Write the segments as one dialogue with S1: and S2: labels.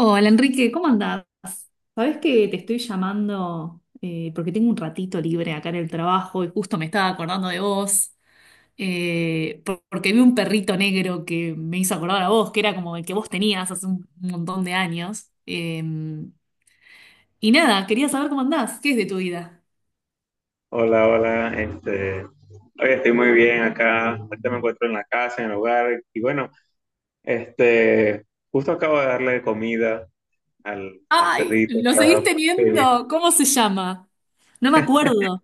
S1: Hola Enrique, ¿cómo andás? Sabés que te estoy llamando porque tengo un ratito libre acá en el trabajo y justo me estaba acordando de vos, porque vi un perrito negro que me hizo acordar a vos, que era como el que vos tenías hace un montón de años. Y nada, quería saber cómo andás, ¿qué es de tu vida?
S2: Hola, hola, hoy estoy muy bien acá, ahorita me encuentro en la casa, en el hogar, y bueno, este, justo acabo de darle comida al
S1: ¡Ay!
S2: perrito,
S1: ¿Lo seguís
S2: está feliz.
S1: teniendo? ¿Cómo se llama? No me acuerdo.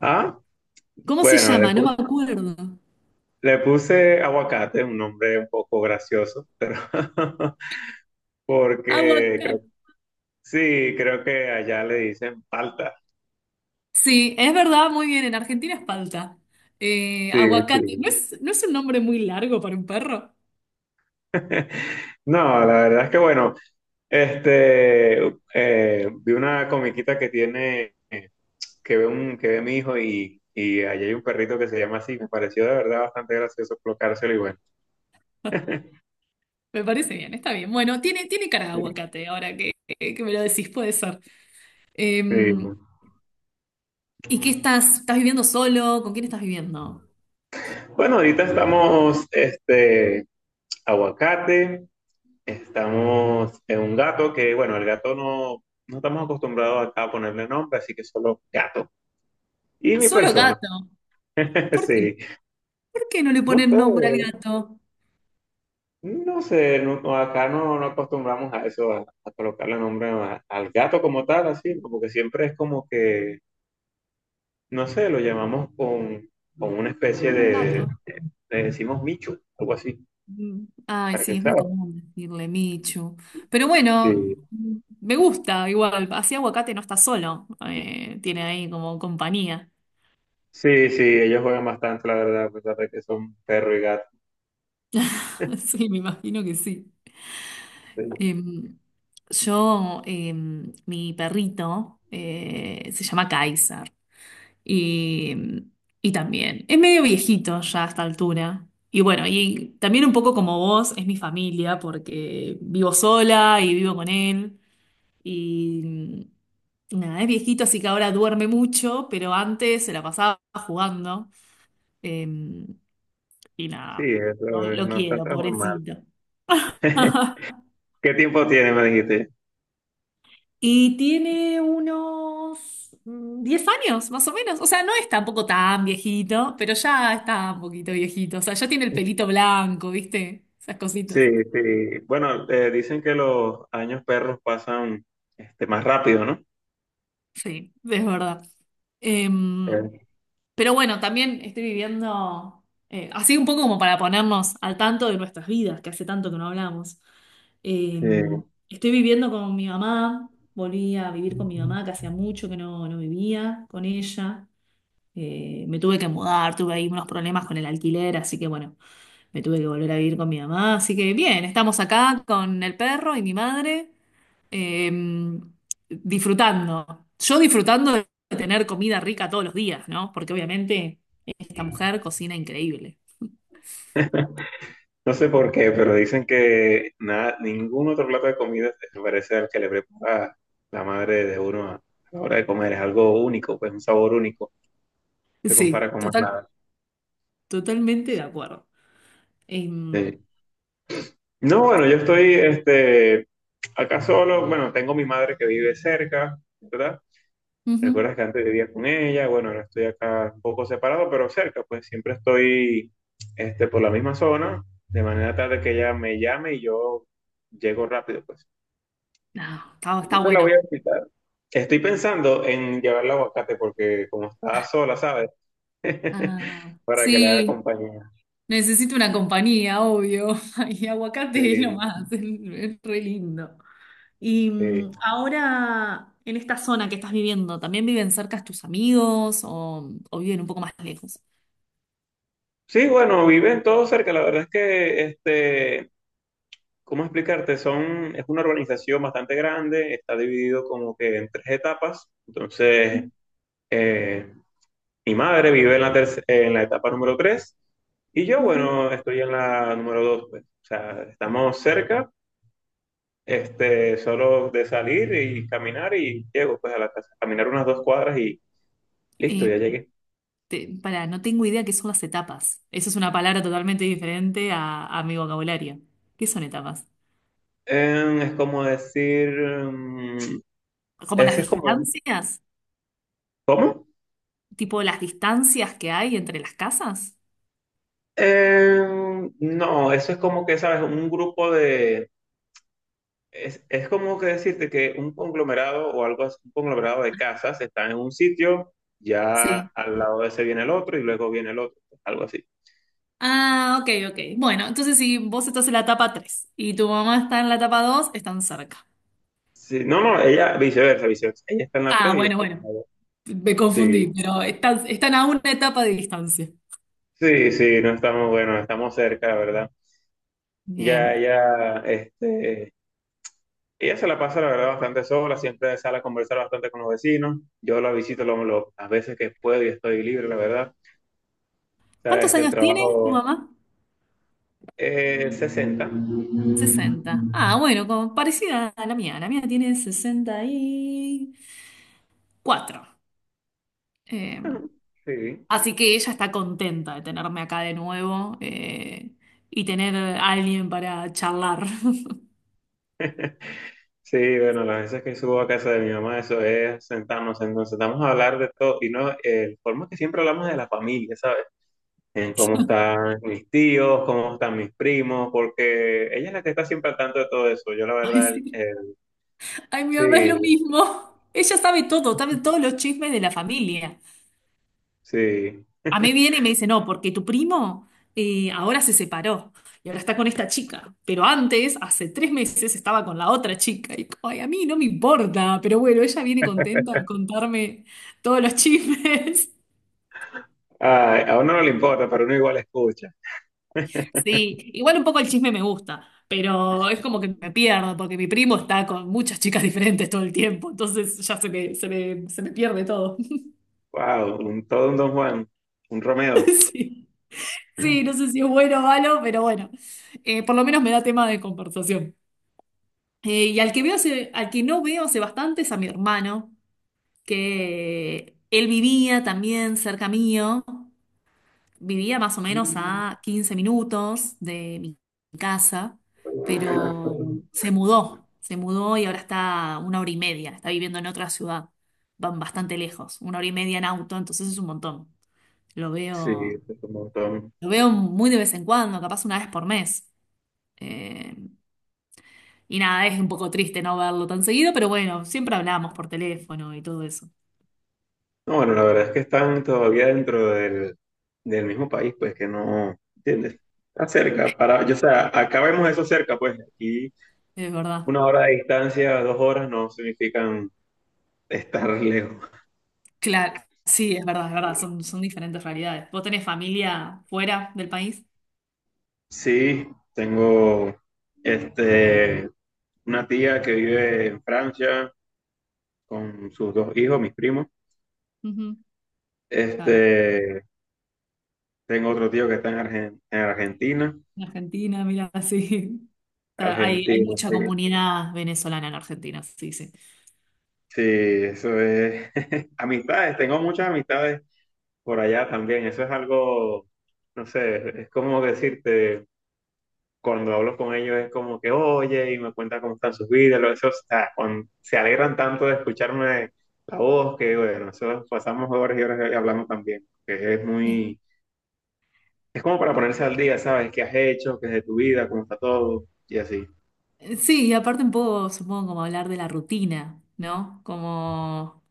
S2: Ah,
S1: ¿Cómo se
S2: bueno,
S1: llama? No me acuerdo.
S2: le puse aguacate, un nombre un poco gracioso, pero
S1: Agua.
S2: porque creo, sí, creo que allá le dicen palta,
S1: Sí, es verdad, muy bien, en Argentina es palta.
S2: sí,
S1: Aguacate,
S2: sí.
S1: ¿no es un nombre muy largo para un perro?
S2: No, la verdad es que bueno, este, vi una comiquita que tiene que ve mi hijo y, allí hay un perrito que se llama así. Me pareció de verdad bastante gracioso colocárselo y bueno.
S1: Me parece bien, está bien. Bueno, tiene cara de
S2: Sí.
S1: aguacate, ahora que me lo decís, puede ser. Eh,
S2: Sí.
S1: ¿Y qué estás? ¿Estás viviendo solo? ¿Con quién estás viviendo?
S2: Bueno, ahorita aguacate, estamos en un gato que, bueno, el gato no, no estamos acostumbrados acá a ponerle nombre, así que solo gato. Y mi
S1: Solo
S2: persona.
S1: gato. ¿Por qué?
S2: Sí.
S1: ¿Por qué no le
S2: No
S1: ponen
S2: sé,
S1: nombre al gato?
S2: no, acá no, no acostumbramos a eso, a colocarle nombre al gato como tal, así, como que siempre es como que. No sé, con una especie
S1: Como
S2: de,
S1: gato.
S2: le decimos micho, algo así,
S1: Mm. Ay,
S2: para que
S1: sí, es muy
S2: sabes.
S1: común decirle Michu. Pero bueno,
S2: Sí,
S1: me gusta igual. Así aguacate no está solo. Tiene ahí como compañía.
S2: sí, sí, ellos juegan bastante, la verdad, a pesar de que son perro y gato.
S1: Sí, me imagino que sí.
S2: Sí,
S1: Em, yo, mi perrito se llama Kaiser. Y, em, y también, es medio viejito ya a esta altura. Y bueno, y también un poco como vos, es mi familia porque vivo sola y vivo con él. Y nada, es viejito, así que ahora duerme mucho, pero antes se la pasaba jugando. eh, y
S2: sí,
S1: nada, no
S2: eso es
S1: lo
S2: no es tan
S1: quiero,
S2: normal.
S1: pobrecito.
S2: ¿Qué tiempo tiene, me dijiste?
S1: Y tiene unos 10 años, más o menos. O sea, no es tampoco tan viejito, pero ya está un poquito viejito. O sea, ya tiene el pelito blanco, ¿viste? Esas cositas.
S2: Sí, sí. Bueno, dicen que los años perros pasan más rápido, ¿no?
S1: Sí, es verdad. Eh,
S2: Eh,
S1: Pero bueno, también estoy viviendo así un poco como para ponernos al tanto de nuestras vidas, que hace tanto que no hablamos. Eh,
S2: Sí.
S1: Estoy viviendo con mi mamá, volví a vivir con mi mamá, que hacía mucho que no vivía con ella. Me tuve que mudar, tuve ahí unos problemas con el alquiler, así que bueno, me tuve que volver a vivir con mi mamá. Así que bien, estamos acá con el perro y mi madre eh, disfrutando. Yo disfrutando de tener comida rica todos los días, ¿no? Porque obviamente esta mujer cocina increíble.
S2: No sé por qué, pero dicen que nada, ningún otro plato de comida se parece al que le prepara la madre de uno a la hora de comer. Es algo único, pues un sabor único. Se compara
S1: Sí,
S2: con más
S1: total,
S2: nada.
S1: totalmente de acuerdo. Em,
S2: Sí. No, bueno, yo estoy acá solo. Bueno, tengo mi madre que vive cerca, ¿verdad?
S1: ujú.
S2: Recuerdas que antes vivía con ella. Bueno, ahora estoy acá un poco separado, pero cerca, pues siempre estoy por la misma zona, de manera tal de que ella me llame y yo llego rápido, pues.
S1: No, está,
S2: Y
S1: está
S2: siempre la voy
S1: bueno.
S2: a visitar. Estoy pensando en llevarla a aguacate porque como está sola, ¿sabes?
S1: Ah,
S2: Para que le haga
S1: sí,
S2: compañía.
S1: necesito una compañía, obvio. Y aguacate es lo
S2: Sí,
S1: más, es re lindo. Y
S2: sí.
S1: ahora, en esta zona que estás viviendo, ¿también viven cerca tus amigos o viven un poco más lejos?
S2: Sí, bueno, viven todos cerca. La verdad es que, ¿cómo explicarte? Son, es una urbanización bastante grande, está dividido como que en tres etapas. Entonces, eh, mi madre vive en en la etapa número tres y yo,
S1: Ujú.
S2: bueno, estoy en la número dos, pues. O sea, estamos cerca. Este, solo de salir y caminar y llego pues a la casa. Caminar unas dos cuadras y listo, ya
S1: Eh,
S2: llegué.
S1: Pará, no tengo idea qué son las etapas. Eso es una palabra totalmente diferente a mi vocabulario. ¿Qué son etapas?
S2: Es como decir,
S1: ¿Como las
S2: ese es como,
S1: distancias?
S2: ¿cómo?
S1: ¿Tipo las distancias que hay entre las casas?
S2: No, eso es como que, ¿sabes? Es como que decirte que un conglomerado o algo así, un conglomerado de casas está en un sitio, ya
S1: Sí.
S2: al lado de ese viene el otro y luego viene el otro, algo así.
S1: Ah, ok, ok. Bueno, entonces si vos estás en la etapa 3 y tu mamá está en la etapa 2, están cerca.
S2: Sí, no, no, ella, viceversa, viceversa. Ella está en la
S1: Ah,
S2: 3 y yo
S1: bueno,
S2: estoy en la
S1: bueno.
S2: dos.
S1: Me
S2: Sí.
S1: confundí, pero están a una etapa de distancia.
S2: Sí, sí, no estamos, bueno, estamos cerca, la verdad. Ya,
S1: Bien.
S2: ya, ella se la pasa, la verdad, bastante sola, siempre sale a conversar bastante con los vecinos. Yo la visito las veces que puedo y estoy libre, la verdad. Sabes
S1: ¿Cuántos
S2: que el
S1: años tiene tu
S2: trabajo
S1: mamá?
S2: es 60. Ajá,
S1: 60. Ah, bueno, como parecida a la mía. La mía tiene 64. Eh,
S2: sí,
S1: Así que ella está contenta de tenerme acá de nuevo y tener a alguien para charlar.
S2: sí, bueno, las veces que subo a casa de mi mamá, eso es sentarnos, entonces vamos a hablar de todo, y no, forma que siempre hablamos de la familia, ¿sabes? En cómo están mis tíos, cómo están mis primos, porque ella es la que está siempre al tanto de todo eso. Yo la
S1: Ay,
S2: verdad,
S1: sí. Ay, mi mamá es
S2: sí,
S1: lo mismo. Ella sabe todo, sabe todos los chismes de la familia.
S2: sí.
S1: A mí viene y me dice, no, porque tu primo ahora se separó y ahora está con esta chica, pero antes, hace 3 meses, estaba con la otra chica. Y como, ay, a mí no me importa, pero bueno, ella viene contenta a contarme todos los chismes.
S2: Ay, a uno no le importa, pero uno igual escucha.
S1: Sí, igual un poco el chisme me gusta, pero es como que me pierdo, porque mi primo está con muchas chicas diferentes todo el tiempo, entonces ya se me pierde todo.
S2: Wow, todo un Don Juan, un Romeo.
S1: Sí. Sí, no sé si es bueno o malo, pero bueno, por lo menos me da tema de conversación. Al que no veo hace bastante es a mi hermano, que él vivía también cerca mío, vivía más o menos
S2: Mm.
S1: a 15 minutos de mi casa, pero se mudó y ahora está a una hora y media, está viviendo en otra ciudad, van bastante lejos, una hora y media en auto, entonces es un montón. Lo
S2: Sí,
S1: veo,
S2: es un montón.
S1: lo veo muy de vez en cuando, capaz una vez por mes. Eh, Y nada, es un poco triste no verlo tan seguido, pero bueno, siempre hablamos por teléfono y todo eso.
S2: No, bueno, la verdad es que están todavía dentro del mismo país, pues que no, ¿entiendes? Está cerca, para, yo, o sea, acá vemos eso cerca, pues aquí
S1: Es verdad.
S2: una hora de distancia, dos horas no significan estar lejos.
S1: Claro, sí, es verdad, son diferentes realidades. ¿Vos tenés familia fuera del país?
S2: Sí, tengo este, una tía que vive en Francia con sus dos hijos, mis primos.
S1: Ujú, claro.
S2: Este, tengo otro tío que está en, en Argentina.
S1: En Argentina, mira, sí. Hay
S2: Argentina,
S1: mucha
S2: sí.
S1: comunidad venezolana en Argentina, sí, sí.
S2: Sí, eso es. Amistades, tengo muchas amistades por allá también. Eso es algo, no sé, es como decirte. Cuando hablo con ellos es como que, oye, y me cuentan cómo están sus vidas, eso está, cuando se alegran tanto de escucharme la voz que, bueno, eso pasamos horas y horas hablando también, que es
S1: Eh,
S2: muy, es como para ponerse al día, ¿sabes? ¿Qué has hecho? ¿Qué es de tu vida? ¿Cómo está todo? Y así.
S1: Sí, y aparte un poco, supongo, como hablar de la rutina, ¿no? Como,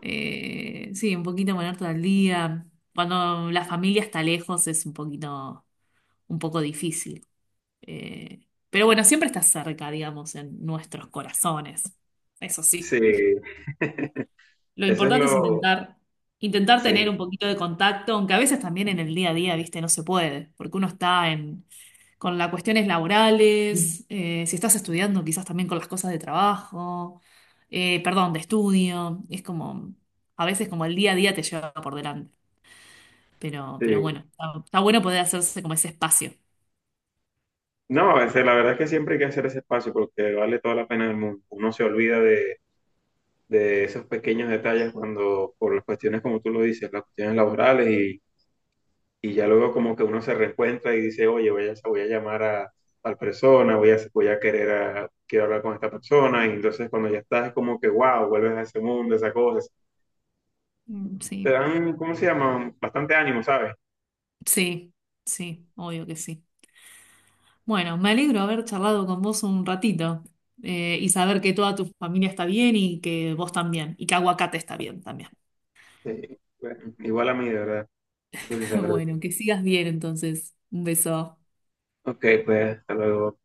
S1: sí, un poquito ponerte al día. Cuando la familia está lejos es un poquito... un poco difícil. Eh, pero bueno, siempre está cerca, digamos, en nuestros corazones. Eso
S2: Sí,
S1: sí. Lo
S2: eso es
S1: importante es
S2: lo,
S1: intentar, intentar
S2: sí,
S1: tener un poquito de contacto, aunque a veces también en el día a día, viste, no se puede, porque uno está en, con las cuestiones laborales, si estás estudiando, quizás también con las cosas de trabajo, perdón, de estudio. Es como, a veces como el día a día te lleva por delante. Pero
S2: sí.
S1: bueno, está bueno poder hacerse como ese espacio.
S2: No, a veces la verdad es que siempre hay que hacer ese espacio porque vale toda la pena del mundo. Uno se olvida de esos pequeños detalles cuando, por las cuestiones, como tú lo dices, las cuestiones laborales y ya luego como que uno se reencuentra y dice, oye, voy a llamar a tal persona, voy a querer a- quiero hablar con esta persona, y entonces cuando ya estás es como que, wow, vuelves a ese mundo, esas cosas.
S1: Mm,
S2: Te
S1: sí.
S2: dan, ¿cómo se llama? Bastante ánimo, ¿sabes?
S1: Sí, sí, obvio que sí. Bueno, me alegro haber charlado con vos un ratito y saber que toda tu familia está bien y que vos también, y que Aguacate está bien también.
S2: Sí, bueno, igual a mí, de verdad. Pues, sí, la verdad.
S1: Bueno, que sigas bien entonces. Un beso.
S2: Ok, pues hasta luego.